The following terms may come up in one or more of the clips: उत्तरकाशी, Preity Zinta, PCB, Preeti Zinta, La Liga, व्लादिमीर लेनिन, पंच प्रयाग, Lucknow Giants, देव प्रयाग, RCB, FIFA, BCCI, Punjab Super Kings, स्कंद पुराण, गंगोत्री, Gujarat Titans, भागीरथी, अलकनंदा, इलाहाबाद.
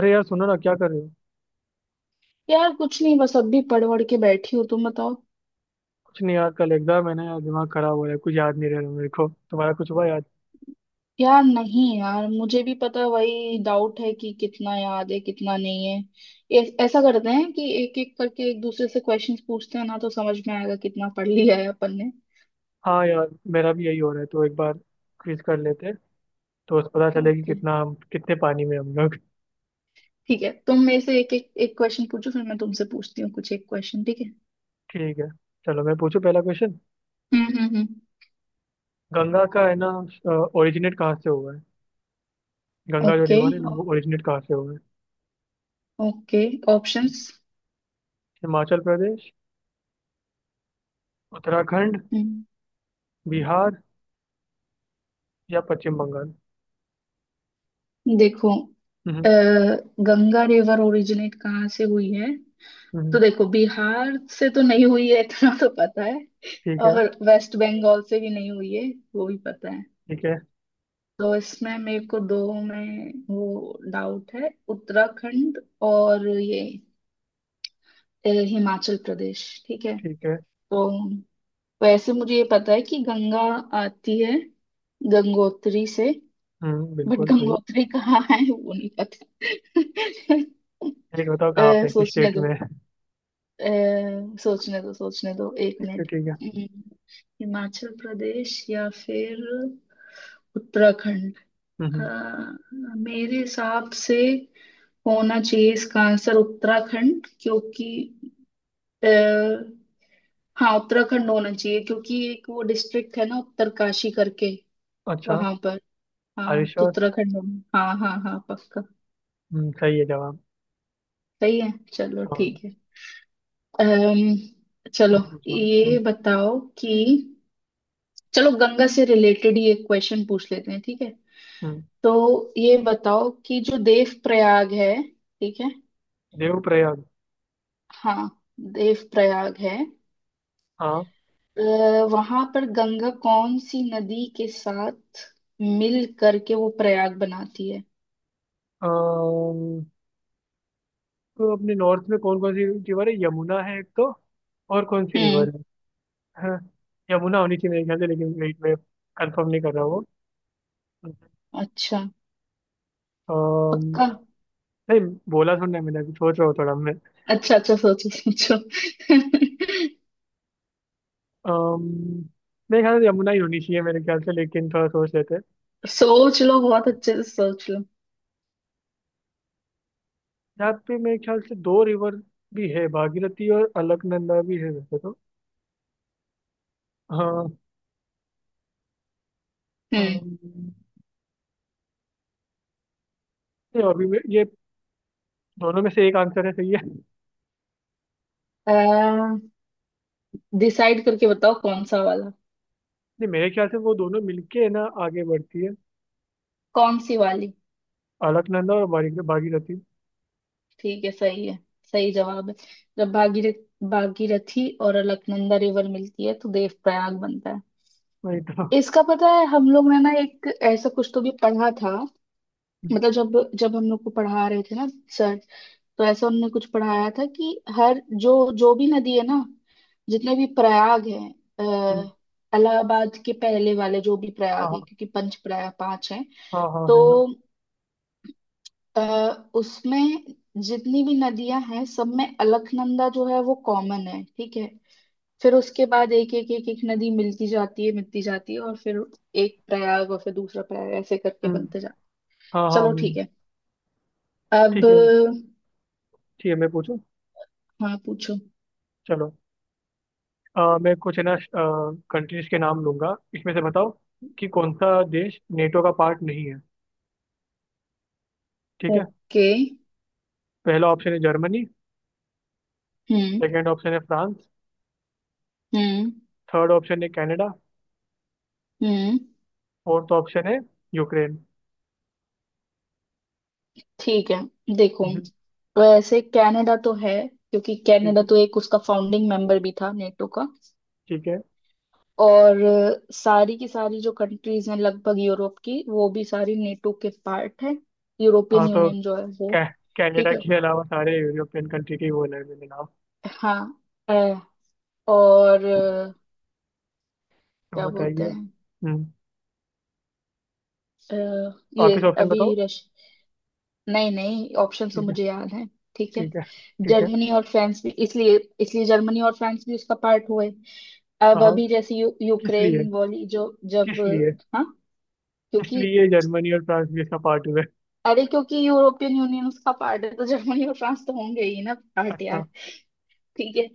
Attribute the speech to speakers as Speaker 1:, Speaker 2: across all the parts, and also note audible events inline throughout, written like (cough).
Speaker 1: अरे यार, सुनो ना, क्या कर रहे हो।
Speaker 2: यार कुछ नहीं, बस अभी पढ़ वढ़ के बैठी हूँ। तुम बताओ।
Speaker 1: कुछ नहीं यार, कल एग्जाम है ना यार, दिमाग खराब हो रहा है, कुछ याद नहीं रह रहा मेरे को। तुम्हारा कुछ हुआ याद?
Speaker 2: यार नहीं यार, मुझे भी पता, वही डाउट है कि कितना याद है कितना नहीं है। ए, ऐसा करते हैं कि एक एक करके एक दूसरे से क्वेश्चंस पूछते हैं ना, तो समझ में आएगा कितना पढ़ लिया है अपन ने।
Speaker 1: हाँ यार, मेरा भी यही हो रहा है, तो एक बार क्विज कर लेते हैं, तो उस पता चले कि
Speaker 2: ओके।
Speaker 1: कितना हम, कितने पानी में हम लोग (laughs)
Speaker 2: ठीक है, तुम मेरे से एक एक एक क्वेश्चन पूछो, फिर मैं तुमसे पूछती हूँ कुछ एक क्वेश्चन। ठीक है?
Speaker 1: ठीक है, चलो, मैं पूछूं पहला क्वेश्चन।
Speaker 2: हम्म। हम्म। हम्म।
Speaker 1: गंगा का है ना, ओरिजिनेट कहाँ से हुआ है? गंगा जो
Speaker 2: ओके।
Speaker 1: रिवर है ना, वो ओरिजिनेट कहाँ से हुआ है?
Speaker 2: ओके। ऑप्शंस?
Speaker 1: हिमाचल प्रदेश, उत्तराखंड,
Speaker 2: हम्म।
Speaker 1: बिहार या पश्चिम बंगाल?
Speaker 2: देखो, अ,
Speaker 1: हम्म,
Speaker 2: गंगा रिवर ओरिजिनेट कहाँ से हुई है? तो
Speaker 1: हम्म,
Speaker 2: देखो, बिहार से तो नहीं हुई है, इतना तो पता है।
Speaker 1: ठीक है,
Speaker 2: और वेस्ट बंगाल से भी नहीं हुई है, वो भी पता है।
Speaker 1: ठीक है,
Speaker 2: तो इसमें मेरे को दो में वो डाउट है, उत्तराखंड और ये हिमाचल प्रदेश। ठीक है?
Speaker 1: ठीक है।
Speaker 2: तो वैसे मुझे ये पता है कि गंगा आती है गंगोत्री से। बट
Speaker 1: बिल्कुल सही।
Speaker 2: गंगोत्री कहाँ है वो नहीं पता। (laughs)
Speaker 1: एक बताओ कहाँ पे, किस
Speaker 2: सोचने
Speaker 1: स्टेट
Speaker 2: दो।
Speaker 1: में (laughs) है?
Speaker 2: सोचने दो सोचने दो, एक
Speaker 1: ठीक है,
Speaker 2: मिनट।
Speaker 1: ठीक है।
Speaker 2: हम्म। हिमाचल प्रदेश या फिर उत्तराखंड। अ,
Speaker 1: हम्म।
Speaker 2: मेरे हिसाब से होना चाहिए इसका आंसर उत्तराखंड, क्योंकि आ, हाँ उत्तराखंड होना चाहिए, क्योंकि एक वो डिस्ट्रिक्ट है ना, उत्तरकाशी करके
Speaker 1: अच्छा।
Speaker 2: वहां पर।
Speaker 1: अरे
Speaker 2: हाँ तो
Speaker 1: श्योर।
Speaker 2: उत्तराखंड होना, हाँ हाँ हाँ, पक्का।
Speaker 1: सही है जवाब।
Speaker 2: सही है, चलो
Speaker 1: हाँ, हाँ,
Speaker 2: ठीक है। अम्म
Speaker 1: हम
Speaker 2: चलो।
Speaker 1: पूछो, हम्म।
Speaker 2: ये बताओ कि, चलो गंगा से रिलेटेड ही एक क्वेश्चन पूछ लेते हैं, ठीक है?
Speaker 1: हम्म,
Speaker 2: तो ये बताओ कि जो देव प्रयाग है, ठीक है,
Speaker 1: देवप्रयाग।
Speaker 2: हाँ देव प्रयाग है,
Speaker 1: हाँ।
Speaker 2: वहां पर गंगा कौन सी नदी के साथ मिल करके वो प्रयाग बनाती है?
Speaker 1: अम, तो अपने नॉर्थ में कौन कौन सी रिवर है? यमुना है एक तो, और कौन सी
Speaker 2: हम्म।
Speaker 1: रिवर है? हाँ, यमुना होनी चाहिए मेरे ख्याल से, लेकिन वेट, मैं कंफर्म नहीं कर रहा हूँ।
Speaker 2: अच्छा।
Speaker 1: अम,
Speaker 2: पक्का?
Speaker 1: नहीं बोला, सुनना है, मैंने अभी सोच रहा हूँ थोड़ा मैं।
Speaker 2: अच्छा अच्छा, सोचो सोचो।
Speaker 1: अम, मेरे ख्याल से यमुना ही होनी चाहिए मेरे ख्याल से, लेकिन थोड़ा सोच लेते हैं।
Speaker 2: (laughs) सोच लो, बहुत अच्छे से सोच लो।
Speaker 1: यहाँ पे मेरे ख्याल से दो रिवर भी है, भागीरथी और अलकनंदा भी है वैसे तो। हाँ।
Speaker 2: हम्म।
Speaker 1: अम, नहीं, अभी मैं ये दोनों में से एक आंसर है, सही है।
Speaker 2: डिसाइड करके बताओ कौन सा वाला।
Speaker 1: नहीं मेरे ख्याल से वो दोनों मिलके है ना, आगे बढ़ती है।
Speaker 2: कौन सी वाली?
Speaker 1: अलकनंदा और भागीरथी।
Speaker 2: ठीक है, सही है। सही जवाब है। जब भागीरथी और अलकनंदा रिवर मिलती है तो देव प्रयाग बनता है।
Speaker 1: वही तो।
Speaker 2: इसका पता है हम लोग ने ना, एक ऐसा कुछ तो भी पढ़ा था। मतलब जब जब हम लोग को पढ़ा रहे थे ना, सर, तो ऐसा उन्होंने कुछ पढ़ाया था कि हर जो जो भी नदी है ना, जितने भी प्रयाग हैं,
Speaker 1: हम्म,
Speaker 2: इलाहाबाद के पहले वाले जो भी प्रयाग है,
Speaker 1: हाँ,
Speaker 2: क्योंकि पंच प्रयाग पांच हैं।
Speaker 1: हाँ, हाँ, हाँ,
Speaker 2: तो
Speaker 1: है ना।
Speaker 2: अ, उसमें जितनी भी नदियां हैं, सब में अलकनंदा जो है वो कॉमन है, ठीक है। फिर उसके बाद एक एक नदी मिलती जाती है मिलती जाती है, और फिर एक प्रयाग और फिर दूसरा प्रयाग, ऐसे करके
Speaker 1: हम्म,
Speaker 2: बनते जाते।
Speaker 1: हाँ, हाँ,
Speaker 2: चलो ठीक
Speaker 1: हम्म।
Speaker 2: है। अब
Speaker 1: ठीक है। ठीक है, मैं पूछूं।
Speaker 2: हाँ पूछो।
Speaker 1: चलो। मैं कुछ है ना, कंट्रीज के नाम लूंगा, इसमें से बताओ कि कौन सा देश नेटो का पार्ट नहीं है। ठीक है।
Speaker 2: ओके।
Speaker 1: पहला ऑप्शन है जर्मनी।
Speaker 2: हम्म।
Speaker 1: सेकंड ऑप्शन है फ्रांस।
Speaker 2: हम्म।
Speaker 1: थर्ड ऑप्शन है कनाडा।
Speaker 2: हम्म।
Speaker 1: फोर्थ ऑप्शन है यूक्रेन।
Speaker 2: ठीक है, देखो,
Speaker 1: हम्म,
Speaker 2: वैसे कनाडा तो है, क्योंकि
Speaker 1: ठीक
Speaker 2: कनाडा
Speaker 1: है,
Speaker 2: तो एक उसका फाउंडिंग मेंबर भी था नेटो का।
Speaker 1: ठीक है।
Speaker 2: और सारी की सारी जो कंट्रीज हैं लगभग यूरोप की, वो भी सारी नेटो के पार्ट है। यूरोपियन
Speaker 1: हाँ तो
Speaker 2: यूनियन जो है वो।
Speaker 1: कै, कनाडा
Speaker 2: ठीक है।
Speaker 1: के अलावा सारे यूरोपियन कंट्री के ही बोल रहे हैं मेरे नाम।
Speaker 2: हाँ। अ, और
Speaker 1: तो
Speaker 2: क्या बोलते
Speaker 1: बताइए,
Speaker 2: हैं,
Speaker 1: हम्म।
Speaker 2: अ, ये
Speaker 1: वापिस ऑप्शन
Speaker 2: अभी
Speaker 1: बताओ।
Speaker 2: रश नहीं नहीं, ऑप्शन तो
Speaker 1: ठीक है,
Speaker 2: मुझे याद है। ठीक है।
Speaker 1: ठीक है, ठीक है।
Speaker 2: जर्मनी और फ्रांस भी इसलिए, जर्मनी और फ्रांस भी उसका पार्ट हुए। अब
Speaker 1: हाँ।
Speaker 2: अभी जैसे
Speaker 1: किस लिए?
Speaker 2: यूक्रेन वाली जो, जब,
Speaker 1: किस लिए?
Speaker 2: हाँ
Speaker 1: किस
Speaker 2: क्योंकि,
Speaker 1: लिए जर्मनी और फ्रांस भी इसका पार्ट हुए?
Speaker 2: अरे क्योंकि यूरोपियन यूनियन उसका पार्ट है तो जर्मनी और फ्रांस तो होंगे ही ना पार्ट, यार।
Speaker 1: अच्छा।
Speaker 2: ठीक है।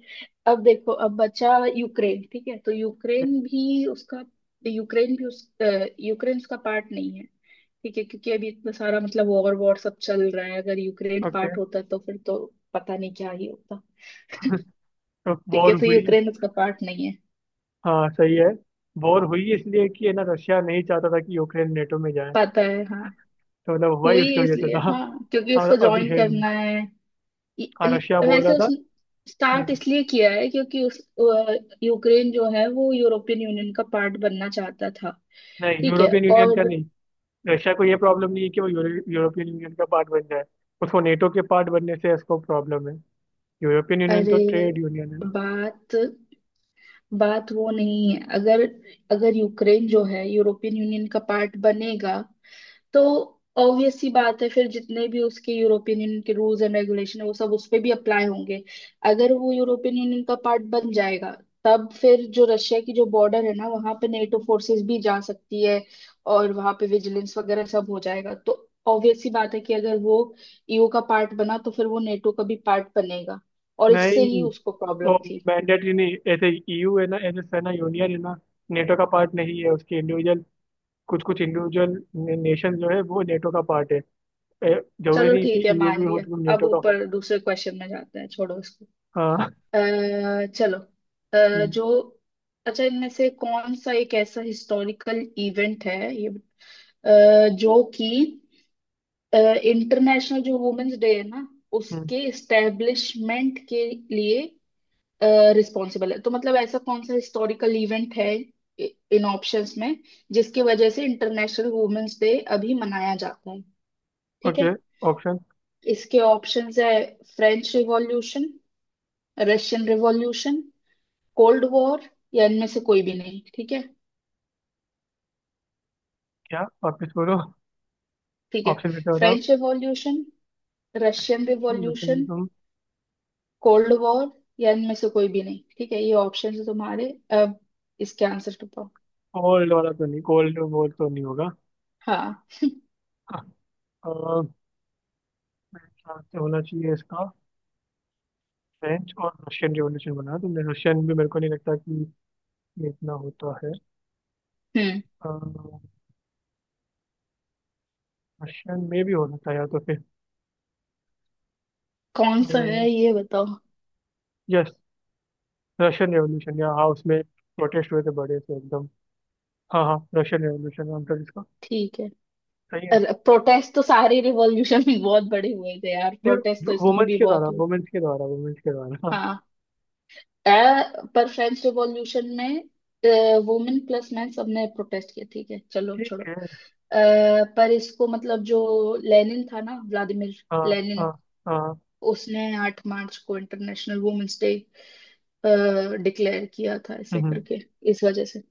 Speaker 2: अब देखो, अब बचा यूक्रेन, ठीक है। तो यूक्रेन भी उसका, यूक्रेन भी उस यूक्रेन उसका पार्ट नहीं है। ठीक है, क्योंकि अभी इतना सारा मतलब वॉर वॉर सब चल रहा है, अगर यूक्रेन
Speaker 1: ओके।
Speaker 2: पार्ट होता तो फिर तो पता नहीं क्या ही होता।
Speaker 1: तो
Speaker 2: ठीक है,
Speaker 1: वॉर
Speaker 2: तो
Speaker 1: हुई?
Speaker 2: यूक्रेन उसका पार्ट नहीं है।
Speaker 1: हाँ सही है। वॉर हुई इसलिए कि है ना, रशिया नहीं चाहता था कि यूक्रेन नेटो में जाए।
Speaker 2: पता है हाँ।
Speaker 1: तो मतलब हुआ ही
Speaker 2: हुई
Speaker 1: उसकी वजह से
Speaker 2: इसलिए
Speaker 1: था।
Speaker 2: हाँ, क्योंकि उसको
Speaker 1: हाँ, अभी
Speaker 2: ज्वाइन
Speaker 1: है नहीं।
Speaker 2: करना है।
Speaker 1: हाँ, रशिया बोल रहा
Speaker 2: वैसे उस
Speaker 1: था।
Speaker 2: स्टार्ट
Speaker 1: हम्म,
Speaker 2: इसलिए किया है, क्योंकि उस यूक्रेन जो है वो यूरोपियन यूनियन का पार्ट बनना चाहता था।
Speaker 1: नहीं,
Speaker 2: ठीक है।
Speaker 1: यूरोपियन यूनियन
Speaker 2: और
Speaker 1: का नहीं। रशिया को ये प्रॉब्लम नहीं है कि वो यूरोपियन यूनियन का पार्ट बन जाए। उसको नेटो के पार्ट बनने से इसको प्रॉब्लम है। यूरोपियन यूनियन
Speaker 2: अरे
Speaker 1: तो ट्रेड यूनियन है ना।
Speaker 2: बात, वो नहीं है। अगर, यूक्रेन जो है यूरोपियन यूनियन का पार्ट बनेगा तो ऑब्वियस सी बात है, फिर जितने भी उसके यूरोपियन यूनियन के रूल्स एंड रेगुलेशन है वो सब उस पे भी अप्लाई होंगे। अगर वो यूरोपियन यूनियन का पार्ट बन जाएगा, तब फिर जो रशिया की जो बॉर्डर है ना, वहां पे नेटो फोर्सेस भी जा सकती है, और वहां पे विजिलेंस वगैरह सब हो जाएगा। तो ऑब्वियस सी बात है कि अगर वो ईयू का पार्ट बना तो फिर वो नेटो का भी पार्ट बनेगा, और इससे
Speaker 1: नहीं,
Speaker 2: ही उसको
Speaker 1: वो
Speaker 2: प्रॉब्लम थी।
Speaker 1: मैंडेटरी नहीं, ऐसे ईयू है ना, ऐसे सेना यूनियन है ना, नेटो का पार्ट नहीं है उसके। इंडिविजुअल, कुछ कुछ इंडिविजुअल नेशन जो है वो नेटो का पार्ट है। ए, जरूरी
Speaker 2: चलो
Speaker 1: नहीं कि
Speaker 2: ठीक है,
Speaker 1: ईयू
Speaker 2: मान
Speaker 1: भी हो
Speaker 2: लिया।
Speaker 1: तो तुम
Speaker 2: अब
Speaker 1: नेटो का हो।
Speaker 2: ऊपर दूसरे क्वेश्चन में जाते हैं, छोड़ो इसको।
Speaker 1: हाँ।
Speaker 2: अ, चलो। जो, अच्छा, इनमें से कौन सा एक ऐसा हिस्टोरिकल इवेंट है ये, जो कि इंटरनेशनल जो वुमेन्स डे है ना उसके इस्टेब्लिशमेंट के लिए रिस्पॉन्सिबल है? तो मतलब ऐसा कौन सा हिस्टोरिकल इवेंट है, इन ऑप्शंस में, जिसकी वजह से इंटरनेशनल वुमेन्स डे अभी मनाया जाता है? ठीक है?
Speaker 1: ओके। ऑप्शन?
Speaker 2: इसके ऑप्शंस है French revolution, Russian revolution, cold war, या इनमें से कोई भी नहीं। ठीक है?
Speaker 1: क्या, वापस बोलो?
Speaker 2: ठीक है।
Speaker 1: ऑप्शन फिर से बताओ।
Speaker 2: French revolution, Russian
Speaker 1: consumption,
Speaker 2: revolution,
Speaker 1: consumption.
Speaker 2: Cold war, या इनमें से कोई भी नहीं, ठीक है, ये ऑप्शन है तुम्हारे। अब इसके आंसर तो पाओ।
Speaker 1: गोल्ड वाला तो नहीं, गोल्ड वोल्ड तो नहीं होगा।
Speaker 2: हाँ।
Speaker 1: मेरे ख्याल से होना चाहिए इसका फ्रेंच और रशियन रिवॉल्यूशन, बनाया तुमने। रशियन भी मेरे को नहीं लगता कि ये इतना होता है।
Speaker 2: हम्म।
Speaker 1: रशियन में भी हो सकता है, या तो फिर
Speaker 2: कौन सा है ये बताओ?
Speaker 1: यस, रशियन रेवोल्यूशन, या हाँ उसमें प्रोटेस्ट हुए थे बड़े से एकदम। हाँ, हाँ, रशियन रेवोल्यूशन नाम था जिसका।
Speaker 2: ठीक है।
Speaker 1: सही है।
Speaker 2: प्रोटेस्ट तो सारे रिवॉल्यूशन में बहुत बड़े हुए थे यार,
Speaker 1: ये
Speaker 2: प्रोटेस्ट तो इसमें
Speaker 1: वुमेन्स
Speaker 2: भी
Speaker 1: के
Speaker 2: बहुत
Speaker 1: द्वारा,
Speaker 2: हुए।
Speaker 1: वुमेन्स के द्वारा, वुमेन्स के द्वारा, हाँ।
Speaker 2: हाँ। अ, पर फ्रेंच रिवॉल्यूशन में वुमेन प्लस मैन सबने प्रोटेस्ट किया, ठीक है, चलो छोड़ो।
Speaker 1: ठीक है।
Speaker 2: पर इसको मतलब जो लेनिन था ना, व्लादिमीर
Speaker 1: हाँ,
Speaker 2: लेनिन,
Speaker 1: हाँ, हाँ।
Speaker 2: उसने 8 मार्च को इंटरनेशनल वुमेन्स डे डिक्लेयर किया था ऐसे
Speaker 1: हम्म,
Speaker 2: करके, इस वजह से।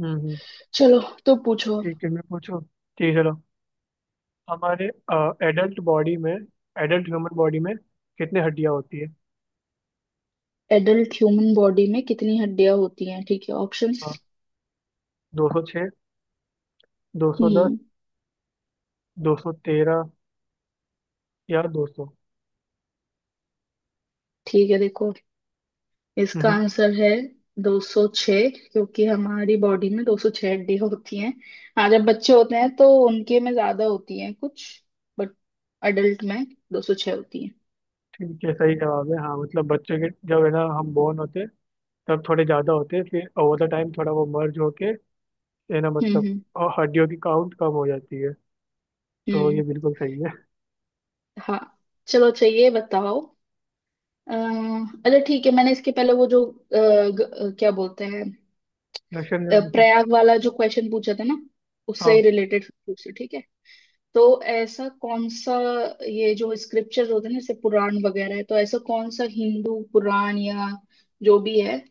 Speaker 1: हम्म, हम्म।
Speaker 2: चलो, तो पूछो।
Speaker 1: ठीक है, मैं पूछूं, ठीक है। हमारे एडल्ट बॉडी में, एडल्ट ह्यूमन बॉडी में कितने हड्डियां होती है?
Speaker 2: एडल्ट ह्यूमन बॉडी में कितनी हड्डियां होती हैं, ठीक है, ऑप्शंस?
Speaker 1: हाँ, 206, 210,
Speaker 2: हम्म।
Speaker 1: 213 या 200?
Speaker 2: ठीक है देखो, इसका
Speaker 1: हम्म,
Speaker 2: आंसर है 206, क्योंकि हमारी बॉडी में 206 हड्डी होती हैं। हाँ जब बच्चे होते हैं तो उनके में ज्यादा होती हैं कुछ, बट अडल्ट में 206 होती हैं।
Speaker 1: ठीक है, सही जवाब है। हाँ मतलब बच्चे के जब है ना, हम बोर्न होते तब थोड़े ज़्यादा होते, फिर ओवर द टाइम थोड़ा वो मर्ज होके है ना
Speaker 2: हम्म।
Speaker 1: मतलब,
Speaker 2: हम्म।
Speaker 1: हड्डियों की काउंट कम हो जाती है। तो
Speaker 2: हम्म,
Speaker 1: ये बिल्कुल सही है।
Speaker 2: हाँ। चलो अच्छा ये बताओ। अ, अच्छा ठीक है, मैंने इसके पहले वो जो क्या बोलते हैं,
Speaker 1: रशियन रेवोल्यूशन।
Speaker 2: प्रयाग वाला जो क्वेश्चन पूछा था ना, उससे
Speaker 1: हाँ।
Speaker 2: रिलेटेड पूछे, ठीक है? तो ऐसा कौन सा, ये जो स्क्रिप्चर होते हैं ना जैसे पुराण वगैरह है, तो ऐसा कौन सा हिंदू पुराण या जो भी है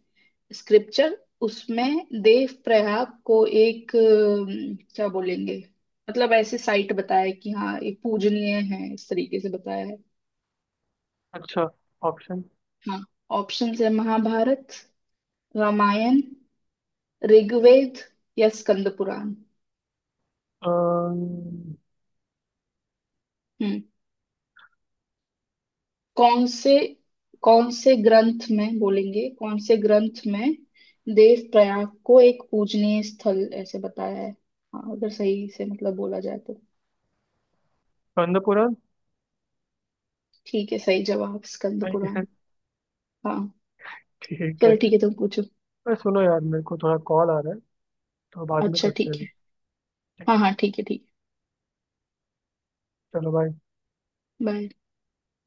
Speaker 2: स्क्रिप्चर, उसमें देव प्रयाग को एक क्या बोलेंगे, मतलब ऐसे साइट बताया है कि हाँ ये पूजनीय है, इस तरीके से बताया है।
Speaker 1: अच्छा। ऑप्शन।
Speaker 2: हाँ, ऑप्शंस है महाभारत, रामायण, ऋग्वेद, या स्कंद पुराण।
Speaker 1: स्कंद
Speaker 2: कौन से कौन से ग्रंथ में बोलेंगे, कौन से ग्रंथ में देव प्रयाग को एक पूजनीय स्थल ऐसे बताया है, हाँ अगर सही से मतलब बोला जाए तो?
Speaker 1: पुराण।
Speaker 2: ठीक है, सही जवाब स्कंद पुराण।
Speaker 1: (laughs)
Speaker 2: हाँ।
Speaker 1: ठीक है।
Speaker 2: चलो ठीक है, तुम पूछो।
Speaker 1: अरे सुनो यार, मेरे को थोड़ा कॉल आ रहा है, तो बाद में
Speaker 2: अच्छा
Speaker 1: करते
Speaker 2: ठीक
Speaker 1: हैं।
Speaker 2: है, हाँ हाँ ठीक है ठीक
Speaker 1: चलो बाय।
Speaker 2: है, बाय।